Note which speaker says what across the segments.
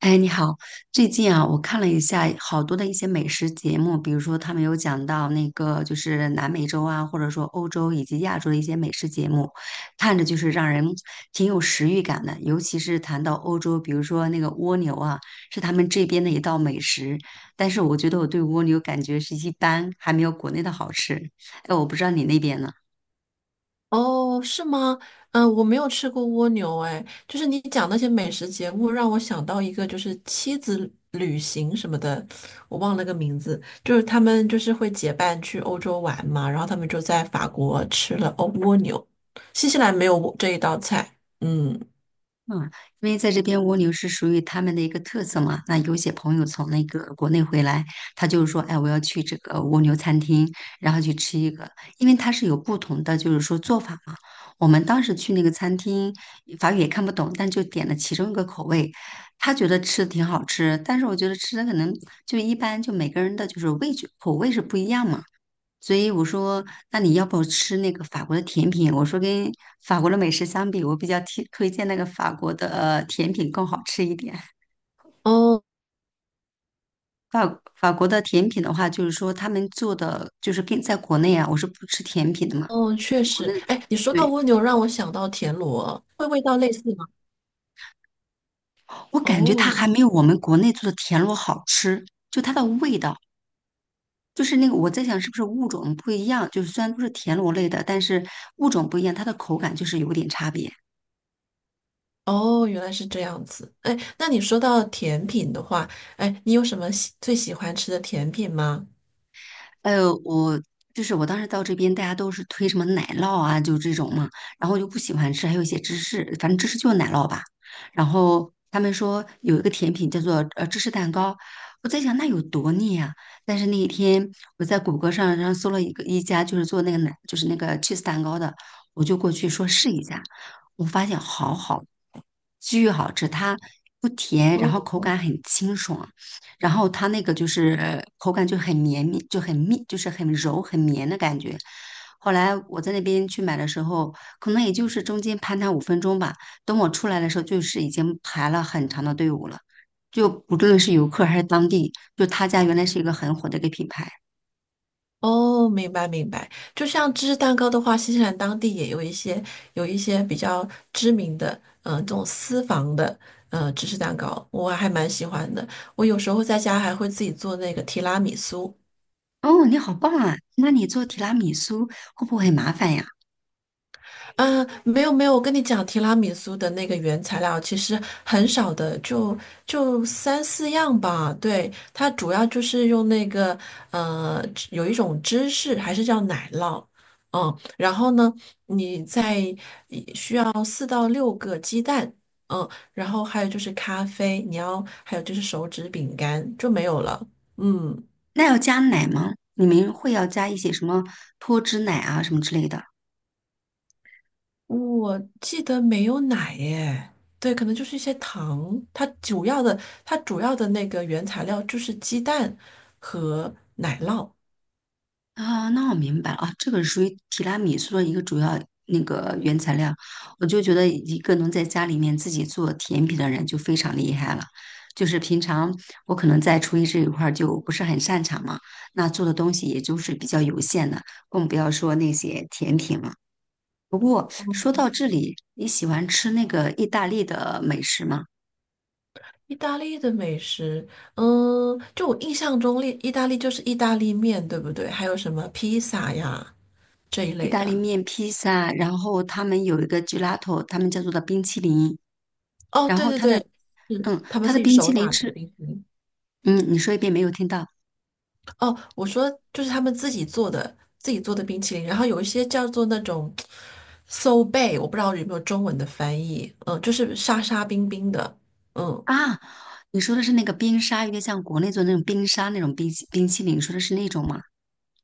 Speaker 1: 哎，你好。最近啊，我看了一下好多的一些美食节目，比如说他们有讲到那个就是南美洲啊，或者说欧洲以及亚洲的一些美食节目，看着就是让人挺有食欲感的。尤其是谈到欧洲，比如说那个蜗牛啊，是他们这边的一道美食，但是我觉得我对蜗牛感觉是一般，还没有国内的好吃。哎，我不知道你那边呢？
Speaker 2: 哦，是吗？嗯，我没有吃过蜗牛，哎，就是你讲那些美食节目，让我想到一个，就是妻子旅行什么的，我忘了个名字，就是他们就是会结伴去欧洲玩嘛，然后他们就在法国吃了欧蜗牛，新西兰没有蜗这一道菜，嗯。
Speaker 1: 嗯，因为在这边蜗牛是属于他们的一个特色嘛。那有些朋友从那个国内回来，他就是说，哎，我要去这个蜗牛餐厅，然后去吃一个，因为它是有不同的，就是说做法嘛。我们当时去那个餐厅，法语也看不懂，但就点了其中一个口味，他觉得吃的挺好吃，但是我觉得吃的可能就一般，就每个人的就是味觉口味是不一样嘛。所以我说，那你要不吃那个法国的甜品？我说跟法国的美食相比，我比较推荐那个法国的甜品更好吃一点。
Speaker 2: 哦
Speaker 1: 法国的甜品的话，就是说他们做的就是跟在国内啊，我是不吃甜品的嘛，
Speaker 2: 哦，确
Speaker 1: 国
Speaker 2: 实，
Speaker 1: 内的
Speaker 2: 哎，
Speaker 1: 甜，
Speaker 2: 你说到
Speaker 1: 对，
Speaker 2: 蜗牛，让我想到田螺，会味道类似吗？
Speaker 1: 我感觉它还
Speaker 2: 哦。
Speaker 1: 没有我们国内做的田螺好吃，就它的味道。就是那个，我在想是不是物种不一样，就是虽然都是田螺类的，但是物种不一样，它的口感就是有点差别。
Speaker 2: 哦，原来是这样子。哎，那你说到甜品的话，哎，你有什么最喜欢吃的甜品吗？
Speaker 1: 呃，我就是我当时到这边，大家都是推什么奶酪啊，就这种嘛，然后我就不喜欢吃，还有一些芝士，反正芝士就是奶酪吧。然后他们说有一个甜品叫做芝士蛋糕，我在想那有多腻啊？但是那一天我在谷歌上搜了一家就是做那个奶就是那个 cheese 蛋糕的，我就过去说试一下，我发现巨好吃，它不甜，然
Speaker 2: 哦
Speaker 1: 后口感很清爽。然后它那个就是口感就很绵密，就很密，就是很柔很绵的感觉。后来我在那边去买的时候，可能也就是中间攀它五分钟吧。等我出来的时候，就是已经排了很长的队伍了。就不论是游客还是当地，就他家原来是一个很火的一个品牌。
Speaker 2: 哦，明白明白。就像芝士蛋糕的话，新西兰当地也有一些比较知名的，嗯、这种私房的，芝士蛋糕，我还蛮喜欢的。我有时候在家还会自己做那个提拉米苏。
Speaker 1: 哦，你好棒啊！那你做提拉米苏会不会很麻烦呀？
Speaker 2: 嗯，没有，我跟你讲，提拉米苏的那个原材料其实很少的，就三四样吧。对，它主要就是用那个有一种芝士，还是叫奶酪，嗯，然后呢，你再一需要4到6个鸡蛋，嗯，然后还有就是咖啡，你要还有就是手指饼干就没有了，嗯。
Speaker 1: 那要加奶吗？你们会要加一些什么脱脂奶啊什么之类的？
Speaker 2: 我记得没有奶耶，对，可能就是一些糖。它主要的那个原材料就是鸡蛋和奶酪。
Speaker 1: 啊，那我明白了啊，这个是属于提拉米苏的一个主要那个原材料。我就觉得一个能在家里面自己做甜品的人就非常厉害了。就是平常我可能在厨艺这一块儿就不是很擅长嘛，那做的东西也就是比较有限的，更不要说那些甜品了。不过说到这里，你喜欢吃那个意大利的美食吗？
Speaker 2: 意大利的美食，嗯，就我印象中，意大利就是意大利面，对不对？还有什么披萨呀这一
Speaker 1: 意
Speaker 2: 类
Speaker 1: 大利
Speaker 2: 的。
Speaker 1: 面、披萨，然后他们有一个 gelato,他们叫做的冰淇淋。
Speaker 2: 哦，
Speaker 1: 然
Speaker 2: 对
Speaker 1: 后
Speaker 2: 对
Speaker 1: 它
Speaker 2: 对，
Speaker 1: 的，
Speaker 2: 是
Speaker 1: 嗯，
Speaker 2: 他们
Speaker 1: 它
Speaker 2: 自
Speaker 1: 的
Speaker 2: 己
Speaker 1: 冰淇
Speaker 2: 手
Speaker 1: 淋
Speaker 2: 打的
Speaker 1: 吃，
Speaker 2: 冰淇淋。
Speaker 1: 嗯，你说一遍没有听到
Speaker 2: 哦，我说就是他们自己做的，自己做的冰淇淋，然后有一些叫做那种 s o b a， 我不知道有没有中文的翻译，嗯，就是沙沙冰冰的，嗯，
Speaker 1: 啊？你说的是那个冰沙，有点像国内做的那种冰沙那种冰淇淋，你说的是那种吗？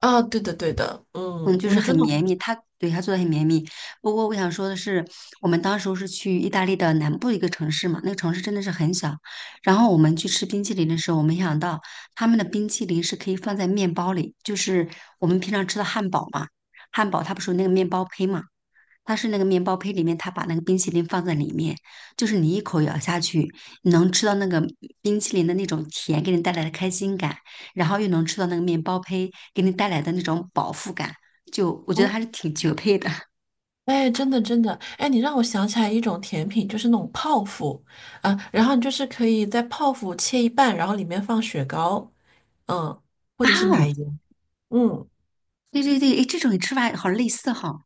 Speaker 2: 啊，对的对的，
Speaker 1: 嗯，
Speaker 2: 嗯，
Speaker 1: 就
Speaker 2: 我
Speaker 1: 是
Speaker 2: 的
Speaker 1: 很
Speaker 2: 真的。
Speaker 1: 绵密，它对它做的很绵密。不过我想说的是，我们当时候是去意大利的南部一个城市嘛，那个城市真的是很小。然后我们去吃冰淇淋的时候，我没想到他们的冰淇淋是可以放在面包里，就是我们平常吃的汉堡嘛，汉堡它不是有那个面包胚嘛。它是那个面包胚里面，它把那个冰淇淋放在里面，就是你一口咬下去，你能吃到那个冰淇淋的那种甜给你带来的开心感，然后又能吃到那个面包胚给你带来的那种饱腹感，就我觉得
Speaker 2: 哦，
Speaker 1: 还是挺绝配的。
Speaker 2: 哎，真的真的，哎，你让我想起来一种甜品，就是那种泡芙啊，然后你就是可以在泡芙切一半，然后里面放雪糕，嗯，或
Speaker 1: 啊
Speaker 2: 者是
Speaker 1: 哦，
Speaker 2: 奶油，嗯。
Speaker 1: 对对对，诶，这种吃法好类似哈。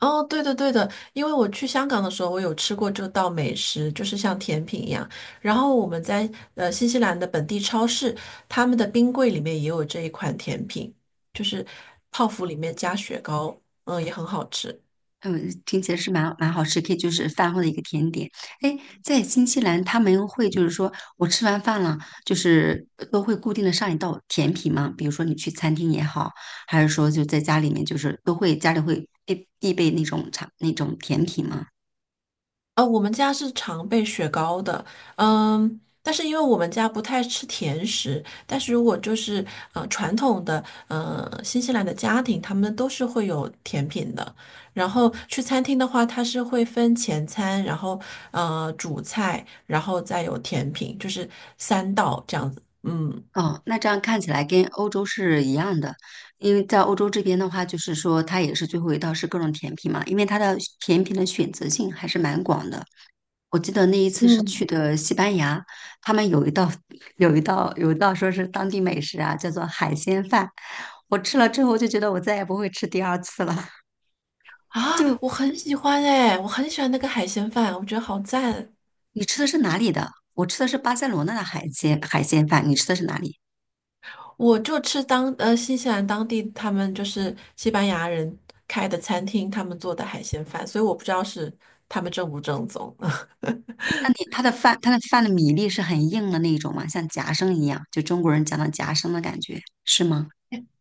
Speaker 2: 哦，对的对的，因为我去香港的时候，我有吃过这道美食，就是像甜品一样。然后我们在新西兰的本地超市，他们的冰柜里面也有这一款甜品，就是泡芙里面加雪糕，嗯，也很好吃。
Speaker 1: 嗯，听起来是蛮好吃，可以就是饭后的一个甜点。哎，在新西兰他们会就是说我吃完饭了，就是都会固定的上一道甜品吗？比如说你去餐厅也好，还是说就在家里面，就是都会家里会必备那种茶那种甜品吗？
Speaker 2: 呃，我们家是常备雪糕的，嗯，但是因为我们家不太吃甜食，但是如果就是传统的新西兰的家庭，他们都是会有甜品的。然后去餐厅的话，它是会分前餐，然后主菜，然后再有甜品，就是三道这样子。嗯，
Speaker 1: 哦，那这样看起来跟欧洲是一样的，因为在欧洲这边的话，就是说它也是最后一道是各种甜品嘛，因为它的甜品的选择性还是蛮广的。我记得那一次是去的西班牙，他们有一道 有一道说是当地美食啊，叫做海鲜饭。我吃了之后就觉得我再也不会吃第二次了。
Speaker 2: 啊，
Speaker 1: 就
Speaker 2: 我很喜欢哎，我很喜欢那个海鲜饭，我觉得好赞。
Speaker 1: 你吃的是哪里的？我吃的是巴塞罗那的海鲜饭，你吃的是哪里？
Speaker 2: 我就吃新西兰当地他们就是西班牙人开的餐厅，他们做的海鲜饭，所以我不知道是他们正不正宗。
Speaker 1: 那你它的饭它的饭的米粒是很硬的那种吗？像夹生一样，就中国人讲的夹生的感觉，是吗？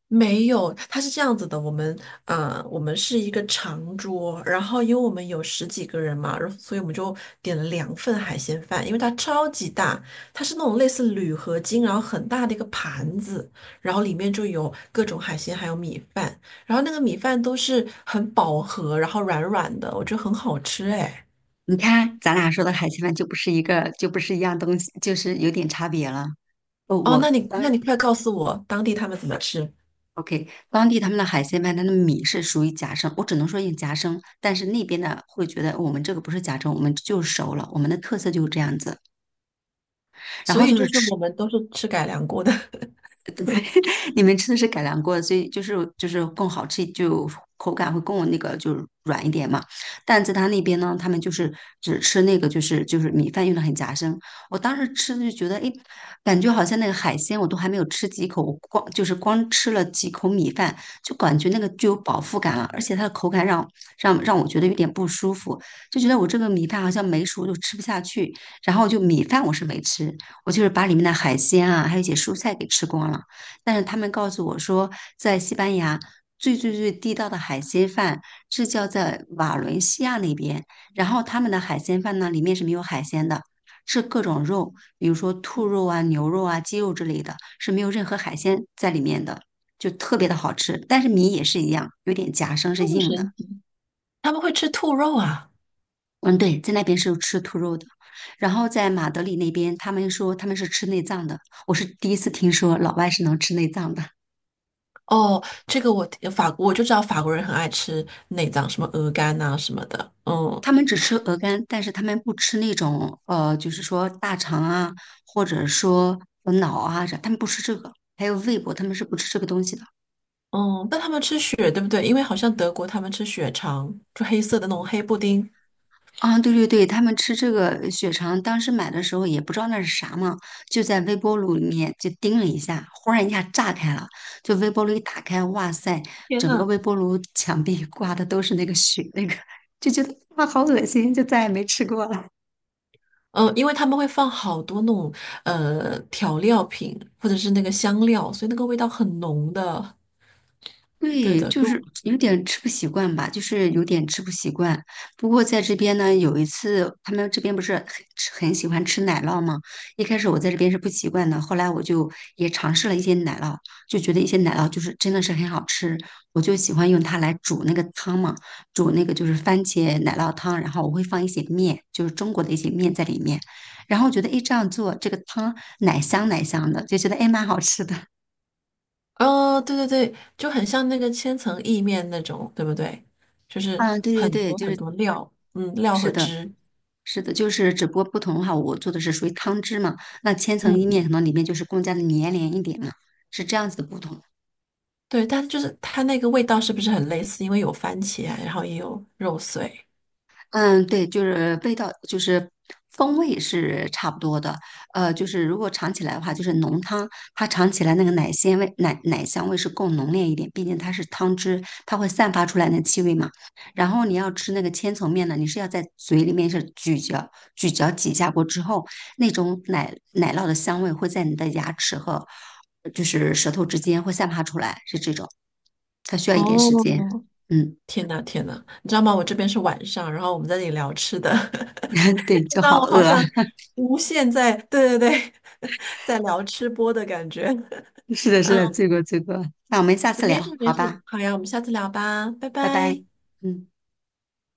Speaker 2: 没有，它是这样子的，我们是一个长桌，然后因为我们有十几个人嘛，然后所以我们就点了2份海鲜饭，因为它超级大，它是那种类似铝合金，然后很大的一个盘子，然后里面就有各种海鲜，还有米饭，然后那个米饭都是很饱和，然后软软的，我觉得很好吃哎。
Speaker 1: 你看咱俩说的海鲜饭就不是一样东西，就是有点差别了。哦，
Speaker 2: 哦，那
Speaker 1: 我。
Speaker 2: 你那你快告诉我当地他们怎么吃？
Speaker 1: OK,当地他们的海鲜饭，它的米是属于夹生，我只能说用夹生，但是那边呢会觉得哦我们这个不是夹生，我们就是熟了，我们的特色就是这样子。然
Speaker 2: 所
Speaker 1: 后
Speaker 2: 以
Speaker 1: 就
Speaker 2: 就
Speaker 1: 是
Speaker 2: 是
Speaker 1: 吃
Speaker 2: 我们都是吃改良过的，
Speaker 1: 你们吃的是改良过的，所以就是更好吃，就口感会更那个就是软一点嘛。但在他那边呢，他们就是只吃那个就是米饭用的很夹生。我当时吃的就觉得，哎，感觉好像那个海鲜我都还没有吃几口，我光就是光吃了几口米饭，就感觉那个就有饱腹感了，而且它的口感让我觉得有点不舒服，就觉得我这个米饭好像没熟就吃不下去。然后就米饭我是没吃，我就是把里面的海鲜啊，还有一些蔬菜给吃光了。但是他们告诉我说，在西班牙最最最地道的海鲜饭是叫在瓦伦西亚那边，然后他们的海鲜饭呢，里面是没有海鲜的，是各种肉，比如说兔肉啊、牛肉啊、鸡肉之类的，是没有任何海鲜在里面的，就特别的好吃。但是米也是一样，有点夹生，是
Speaker 2: 这么
Speaker 1: 硬的。
Speaker 2: 神奇，他们会吃兔肉啊。
Speaker 1: 嗯，对，在那边是吃兔肉的。然后在马德里那边，他们说他们是吃内脏的，我是第一次听说老外是能吃内脏的。
Speaker 2: 哦，这个我法国我就知道法国人很爱吃内脏，什么鹅肝啊什么的。嗯
Speaker 1: 他们只吃鹅肝，但是他们不吃那种就是说大肠啊，或者说脑啊啥，他们不吃这个。还有胃部，他们是不吃这个东西的。
Speaker 2: 嗯，但他们吃血对不对？因为好像德国他们吃血肠，就黑色的那种黑布丁。
Speaker 1: 啊，对对对，他们吃这个血肠，当时买的时候也不知道那是啥嘛，就在微波炉里面就叮了一下，忽然一下炸开了，就微波炉一打开，哇塞，
Speaker 2: 天
Speaker 1: 整个
Speaker 2: 呐，
Speaker 1: 微波炉墙壁挂的都是那个血，那个就觉得哇好恶心，就再也没吃过了。
Speaker 2: 嗯，因为他们会放好多那种调料品或者是那个香料，所以那个味道很浓的。对
Speaker 1: 对，
Speaker 2: 的，
Speaker 1: 就
Speaker 2: 跟我
Speaker 1: 是有点吃不习惯吧，就是有点吃不习惯。不过在这边呢，有一次他们这边不是很吃很喜欢吃奶酪吗？一开始我在这边是不习惯的，后来我就也尝试了一些奶酪，就觉得一些奶酪就是真的是很好吃，我就喜欢用它来煮那个汤嘛，煮那个就是番茄奶酪汤，然后我会放一些面，就是中国的一些面在里面，然后觉得诶这样做这个汤奶香奶香的，就觉得诶蛮好吃的。
Speaker 2: 哦，对对对，就很像那个千层意面那种，对不对？就是
Speaker 1: 嗯，对对
Speaker 2: 很
Speaker 1: 对，
Speaker 2: 多
Speaker 1: 就
Speaker 2: 很
Speaker 1: 是
Speaker 2: 多料，嗯，料
Speaker 1: 是
Speaker 2: 和
Speaker 1: 的，
Speaker 2: 汁。
Speaker 1: 是的，就是只不过不同的话，我做的是属于汤汁嘛，那千
Speaker 2: 嗯
Speaker 1: 层意面可
Speaker 2: 嗯。
Speaker 1: 能里面就是更加的绵连一点嘛，是这样子的不同。
Speaker 2: 对，但就是它那个味道是不是很类似？因为有番茄啊然后也有肉碎。
Speaker 1: 嗯，对，就是味道，就是风味是差不多的。就是如果尝起来的话，就是浓汤，它尝起来那个奶鲜味、奶香味是更浓烈一点，毕竟它是汤汁，它会散发出来那气味嘛。然后你要吃那个千层面呢，你是要在嘴里面是咀嚼、咀嚼几下过之后，那种奶酪的香味会在你的牙齿和就是舌头之间会散发出来，是这种。它需要一点时间。
Speaker 2: 哦，
Speaker 1: 嗯，
Speaker 2: 天呐天呐，你知道吗？我这边是晚上，然后我们在这里聊吃的。
Speaker 1: 对，就
Speaker 2: 让
Speaker 1: 好
Speaker 2: 我
Speaker 1: 饿
Speaker 2: 好
Speaker 1: 啊。
Speaker 2: 像无限在，对对对，在聊吃播的感觉。
Speaker 1: 是的，是
Speaker 2: 嗯，
Speaker 1: 的，这个这个，那我们下次
Speaker 2: 没事
Speaker 1: 聊，
Speaker 2: 没
Speaker 1: 好
Speaker 2: 事，
Speaker 1: 吧。
Speaker 2: 好呀，我们下次聊吧，拜
Speaker 1: 拜拜，
Speaker 2: 拜。
Speaker 1: 嗯。